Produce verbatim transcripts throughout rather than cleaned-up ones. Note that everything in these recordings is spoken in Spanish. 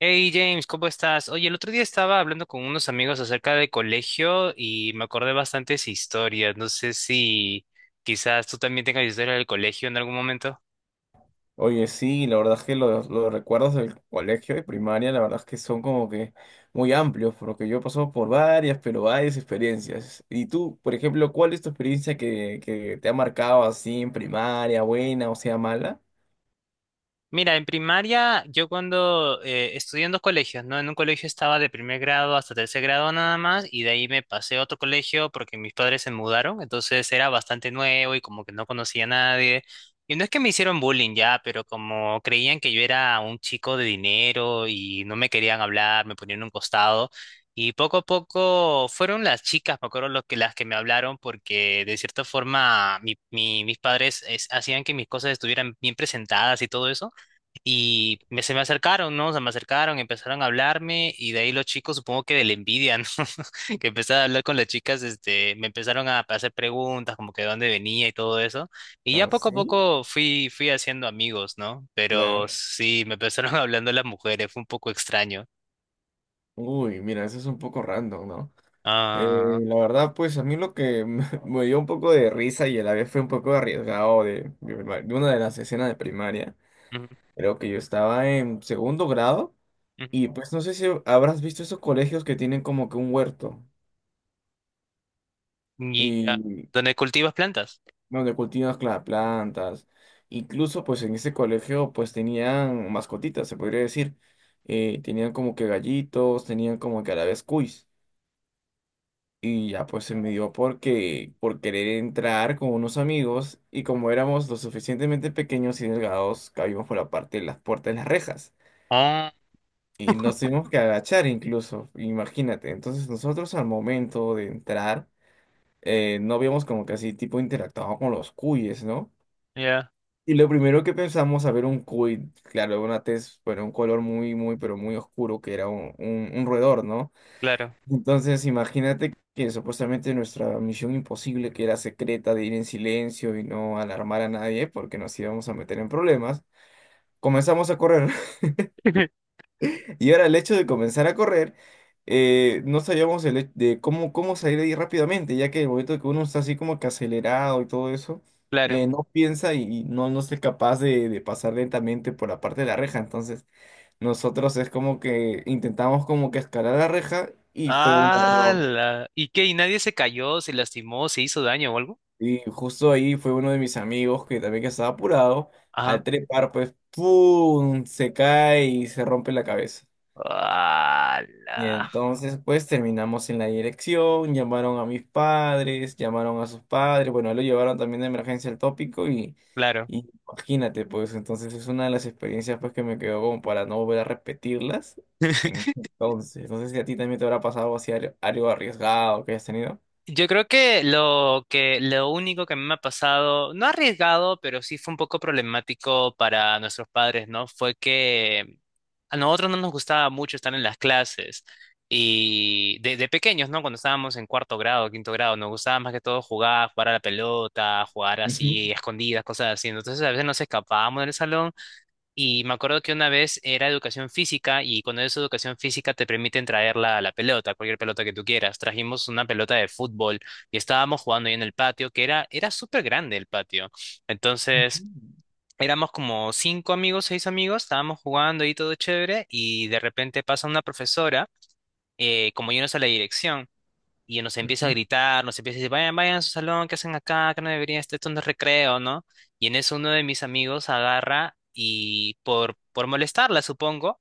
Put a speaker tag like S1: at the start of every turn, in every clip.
S1: Hey James, ¿cómo estás? Oye, el otro día estaba hablando con unos amigos acerca del colegio y me acordé bastantes historias. No sé si quizás tú también tengas historia del colegio en algún momento.
S2: Oye, sí, la verdad es que los, los recuerdos del colegio y primaria, la verdad es que son como que muy amplios, porque yo he pasado por varias, pero varias experiencias. Y tú, por ejemplo, ¿cuál es tu experiencia que, que te ha marcado así en primaria, buena o sea mala?
S1: Mira, en primaria, yo cuando eh, estudié en dos colegios, ¿no? En un colegio estaba de primer grado hasta tercer grado nada más, y de ahí me pasé a otro colegio porque mis padres se mudaron, entonces era bastante nuevo y como que no conocía a nadie. Y no es que me hicieron bullying ya, pero como creían que yo era un chico de dinero y no me querían hablar, me ponían a un costado. Y poco a poco fueron las chicas, me acuerdo, los que, las que me hablaron porque de cierta forma mi- mi- mis padres es- hacían que mis cosas estuvieran bien presentadas y todo eso. Y me- se me acercaron, ¿no? Se me acercaron, empezaron a hablarme y de ahí los chicos, supongo que de la envidia, ¿no? Que empezaron a hablar con las chicas, este, me empezaron a hacer preguntas como que de dónde venía y todo eso. Y ya
S2: Ah,
S1: poco a
S2: sí,
S1: poco fui, fui haciendo amigos, ¿no? Pero
S2: claro.
S1: sí, me empezaron hablando las mujeres, fue un poco extraño.
S2: Uy, mira, eso es un poco random, ¿no? Eh,
S1: Ah,
S2: la verdad, pues a mí lo que me me dio un poco de risa y a la vez fue un poco arriesgado de, de de una de las escenas de primaria,
S1: ujú,
S2: creo que yo estaba en segundo grado. Y pues no sé si habrás visto esos colegios que tienen como que un huerto
S1: ujú. Y, ah,
S2: y
S1: ¿dónde cultivas plantas?
S2: donde cultivan las plantas. Incluso pues en ese colegio pues tenían mascotitas, se podría decir. Eh, tenían como que gallitos, tenían como que a la vez cuis. Y ya pues se me dio porque por querer entrar con unos amigos y como éramos lo suficientemente pequeños y delgados, cabíamos por la parte de las puertas de las rejas.
S1: Ah,
S2: Y nos tuvimos que agachar incluso, imagínate. Entonces nosotros al momento de entrar eh, no habíamos como que así tipo interactuado con los cuyes, ¿no?
S1: ya,
S2: Y lo primero que pensamos a ver un cuy, claro, una tez, bueno, un color muy, muy, pero muy oscuro que era un, un, un roedor, ¿no?
S1: claro.
S2: Entonces imagínate que supuestamente nuestra misión imposible, que era secreta de ir en silencio y no alarmar a nadie porque nos íbamos a meter en problemas, comenzamos a correr. Y ahora el hecho de comenzar a correr, eh, no sabíamos el, he- de cómo, cómo salir de ahí rápidamente, ya que el momento que uno está así como que acelerado y todo eso,
S1: Claro.
S2: eh, no piensa y y no, no es capaz de, de pasar lentamente por la parte de la reja. Entonces, nosotros es como que intentamos como que escalar la reja y fue un
S1: Ah,
S2: error.
S1: la- ¿y qué? ¿Y nadie se cayó, se lastimó, se hizo daño o algo?
S2: Y justo ahí fue uno de mis amigos que también que estaba apurado, al
S1: Ah.
S2: trepar pues, ¡pum! Se cae y se rompe la cabeza. Y
S1: Ala.
S2: entonces, pues terminamos en la dirección, llamaron a mis padres, llamaron a sus padres, bueno, lo llevaron también de emergencia al tópico y,
S1: Claro.
S2: y imagínate, pues entonces es una de las experiencias pues que me quedó como para no volver a repetirlas en ese entonces. No sé si a ti también te habrá pasado algo así algo algo arriesgado que hayas tenido.
S1: Yo creo que lo que lo único que a mí me ha pasado, no arriesgado, pero sí fue un poco problemático para nuestros padres, ¿no? Fue que a nosotros no nos gustaba mucho estar en las clases y de, de pequeños, ¿no? Cuando estábamos en cuarto grado, quinto grado, nos gustaba más que todo jugar, jugar a la pelota, jugar
S2: Ujú,
S1: así, escondidas, cosas así. Entonces a veces nos escapábamos del salón. Y me acuerdo que una vez era educación física y cuando es educación física te permiten traer la, la pelota, cualquier pelota que tú quieras. Trajimos una pelota de fútbol y estábamos jugando ahí en el patio, que era, era súper grande el patio. Entonces
S2: ujú,
S1: éramos como cinco amigos, seis amigos, estábamos jugando ahí todo chévere y de repente pasa una profesora, eh, como yéndose a la dirección y nos empieza a
S2: ujú.
S1: gritar, nos empieza a decir, vayan, vayan a su salón, ¿qué hacen acá? Que no deberían estar, esto no es recreo, ¿no? Y en eso uno de mis amigos agarra y por, por molestarla, supongo,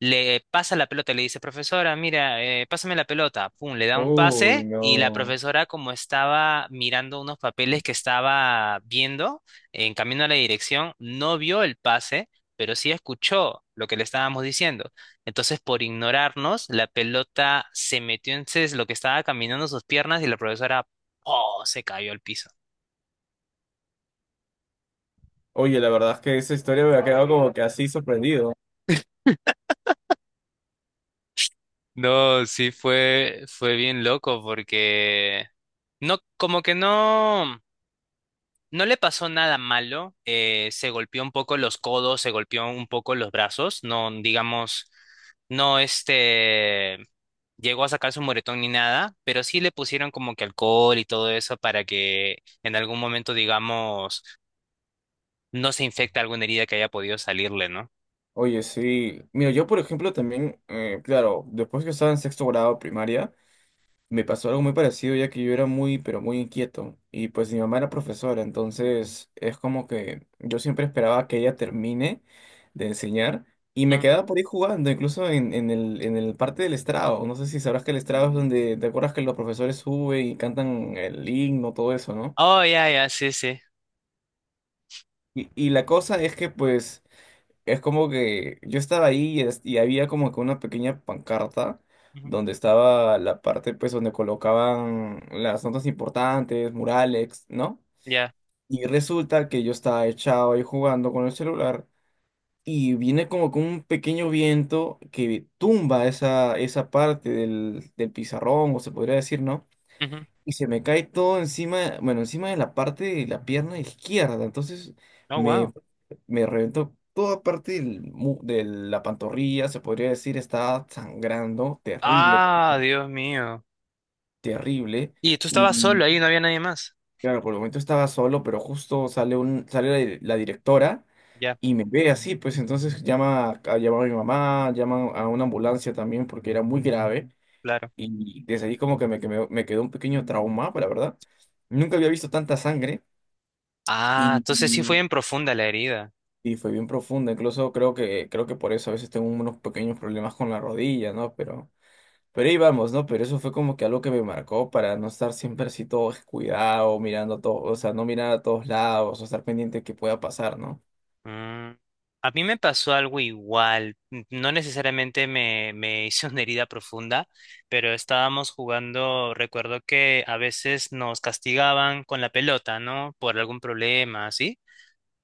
S1: le pasa la pelota, le dice, profesora, mira, eh, pásame la pelota. Pum, le da un
S2: Uy,
S1: pase y la
S2: no.
S1: profesora, como estaba mirando unos papeles que estaba viendo en camino a la dirección, no vio el pase, pero sí escuchó lo que le estábamos diciendo. Entonces, por ignorarnos, la pelota se metió en ses- lo que estaba caminando en sus piernas y la profesora, oh, se cayó al piso.
S2: Oye, la verdad es que esa historia me ha quedado como que así sorprendido.
S1: No, sí fue, fue bien loco porque no, como que no. No le pasó nada malo, eh, se golpeó un poco los codos, se golpeó un poco los brazos, no, digamos, no, este, llegó a sacar su moretón ni nada, pero sí le pusieron como que alcohol y todo eso para que en algún momento, digamos, no se infecte alguna herida que haya podido salirle, ¿no?
S2: Oye, sí. Mira, yo por ejemplo también, eh, claro, después que estaba en sexto grado primaria, me pasó algo muy parecido ya que yo era muy, pero muy inquieto. Y pues mi mamá era profesora, entonces es como que yo siempre esperaba que ella termine de enseñar y me
S1: Ujú.
S2: quedaba por ahí jugando, incluso en, en el, en el parte del estrado. No sé si sabrás que el estrado es donde, ¿te acuerdas que los profesores suben y cantan el himno, todo eso, ¿no?
S1: Oh, ya, ya, sí, sí.
S2: Y, y la cosa es que pues... Es como que yo estaba ahí y, es- y había como que una pequeña pancarta
S1: Ujú,
S2: donde estaba la parte, pues, donde colocaban las notas importantes, murales, ¿no?
S1: ya.
S2: Y resulta que yo estaba echado ahí jugando con el celular y viene como que un pequeño viento que tumba esa, esa parte del, del pizarrón, o se podría decir, ¿no?
S1: Ujú.
S2: Y se me cae todo encima, bueno, encima de la parte de la pierna izquierda. Entonces
S1: Oh,
S2: me,
S1: wow.
S2: me reventó toda parte del mu- de la pantorrilla, se podría decir, estaba sangrando, terrible,
S1: Ah, Dios mío.
S2: terrible.
S1: Y tú
S2: Y
S1: estabas solo ahí, no había nadie más.
S2: claro, por el momento estaba solo, pero justo sale un, sale la di- la directora.
S1: Ya,
S2: Y me ve así, pues entonces llama, a, llama a mi mamá, llama a una ambulancia también porque era muy grave.
S1: claro.
S2: Y desde ahí como que me, que me, me quedó un pequeño trauma, la verdad. Nunca había visto tanta sangre. Y,
S1: Ah, entonces sí fue
S2: y-
S1: en profunda la herida.
S2: y fue bien profunda. Incluso creo que, creo que por eso a veces tengo unos pequeños problemas con la rodilla, ¿no? Pero, pero ahí vamos, ¿no? Pero eso fue como que algo que me marcó para no estar siempre así todo descuidado, mirando a todo, o sea, no mirar a todos lados, o estar pendiente de qué pueda pasar, ¿no?
S1: Mm, a mí me pasó algo igual, n- no necesariamente me, me hice una herida profunda, pero estábamos jugando, recuerdo que a veces nos castigaban con la pelota, ¿no? Por algún problema, así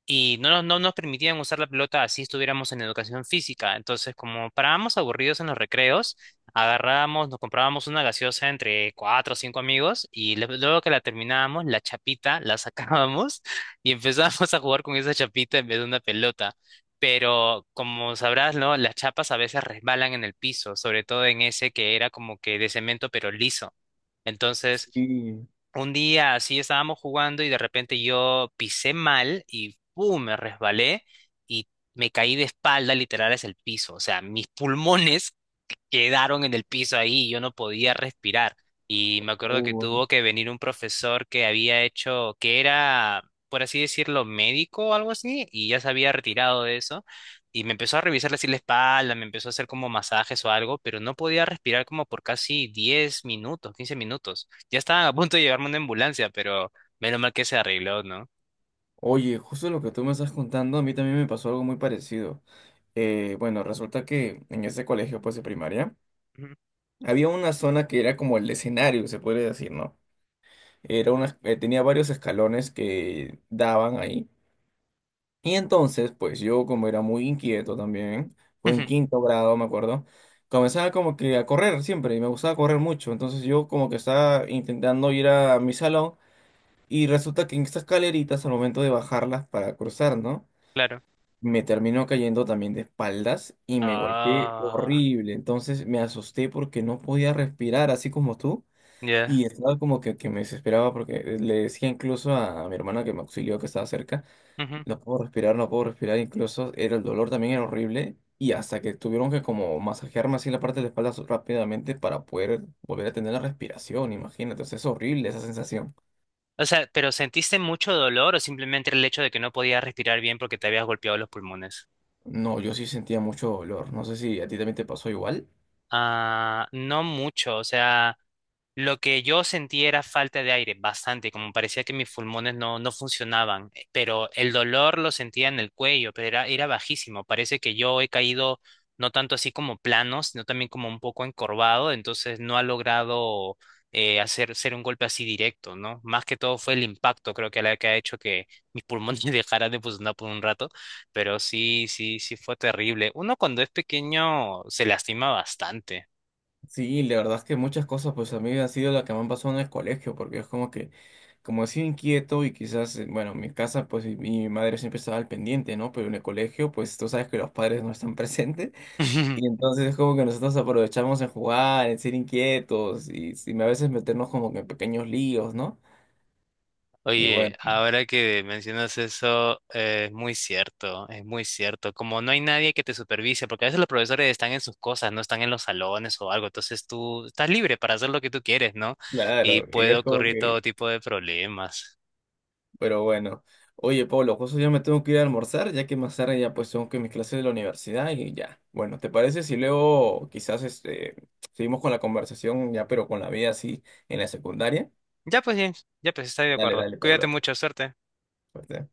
S1: y no, nos- no nos permitían usar la pelota así estuviéramos en educación física. Entonces, como parábamos aburridos en los recreos, agarrábamos, nos comprábamos una gaseosa entre cuatro o cinco amigos y le- luego que la terminábamos, la chapita la sacábamos y empezábamos a jugar con esa chapita en vez de una pelota. Pero como sabrás, ¿no? Las chapas a veces resbalan en el piso, sobre todo en ese que era como que de cemento pero liso. Entonces,
S2: Sí.
S1: un día así estábamos jugando y de repente yo pisé mal y ¡pum! Me resbalé y me caí de espalda literal hacia el piso. O sea, mis pulmones quedaron en el piso ahí y yo no podía respirar. Y me acuerdo que
S2: Oh.
S1: tuvo que venir un profesor que había hecho, que era, por así decirlo, médico o algo así, y ya se había retirado de eso. Y me empezó a revisar así la espalda, me empezó a hacer como masajes o algo, pero no podía respirar como por casi diez minutos, quince minutos. Ya estaban a punto de llevarme una ambulancia, pero menos mal que se arregló, ¿no?
S2: Oye, justo lo que tú me estás contando, a mí también me pasó algo muy parecido. Eh, bueno, resulta que en ese colegio, pues de primaria,
S1: Ujú.
S2: había una zona que era como el escenario, se puede decir, ¿no? Era una, eh, tenía varios escalones que daban ahí. Y entonces, pues yo como era muy inquieto también, fue en quinto grado, me acuerdo, comenzaba como que a correr siempre y me gustaba correr mucho. Entonces yo como que estaba intentando ir a mi salón y resulta que en estas escaleritas al momento de bajarlas para cruzar, ¿no?
S1: Claro.
S2: Me terminó cayendo también de espaldas y me golpeé
S1: Ah,
S2: horrible. Entonces me asusté porque no podía respirar, así como tú.
S1: ya.
S2: Y estaba como que, que me desesperaba porque le decía incluso a, a mi hermana que me auxilió, que estaba cerca, no puedo respirar, no puedo respirar, incluso era el dolor también era horrible y hasta que tuvieron que como masajearme así la parte de la espalda so- rápidamente para poder volver a tener la respiración, imagínate, o sea, es horrible esa sensación.
S1: O sea, ¿pero sentiste mucho dolor o simplemente el hecho de que no podías respirar bien porque te habías golpeado los pulmones?
S2: No, yo sí sentía mucho dolor, no sé si a ti también te pasó igual.
S1: Ah, no mucho, o sea, lo que yo sentí era falta de aire, bastante, como parecía que mis pulmones no, no funcionaban, eh, pero el dolor lo sentía en el cuello, pero era, era bajísimo, parece que yo he caído no tanto así como plano, sino también como un poco encorvado, entonces no ha logrado eh, hacer ser un golpe así directo, ¿no? Más que todo fue el impacto, creo que la que ha hecho que mis pulmones dejaran de funcionar por un rato. Pero sí, sí, sí fue terrible. Uno cuando es pequeño se lastima bastante.
S2: Sí, la verdad es que muchas cosas, pues a mí ha sido la que me han pasado en el colegio, porque es como que, como he sido inquieto y quizás, eh, bueno, en mi casa, pues y- mi madre siempre estaba al pendiente, ¿no? Pero en el colegio, pues tú sabes que los padres no están presentes, y entonces es como que nosotros aprovechamos en jugar, en ser inquietos, y, y a veces meternos como que en pequeños líos, ¿no? Y
S1: Oye,
S2: bueno,
S1: ahora que mencionas eso, eh, es muy cierto, es muy cierto. Como no hay nadie que te supervise, porque a veces los profesores están en sus cosas, no están en los salones o algo, entonces tú estás libre para hacer lo que tú quieres, ¿no? Y
S2: claro, y
S1: puede
S2: es como
S1: ocurrir todo
S2: que
S1: tipo de problemas.
S2: pero bueno, oye Pablo, justo ya me tengo que ir a almorzar, ya que más tarde ya pues tengo que mis clases de la universidad y ya. Bueno, ¿te parece si luego quizás este, seguimos con la conversación ya, pero con la vida así en la secundaria?
S1: Ya pues, James, ya pues, estoy de
S2: Dale,
S1: acuerdo.
S2: dale,
S1: Cuídate
S2: Pablo.
S1: mucho, suerte.
S2: Suerte.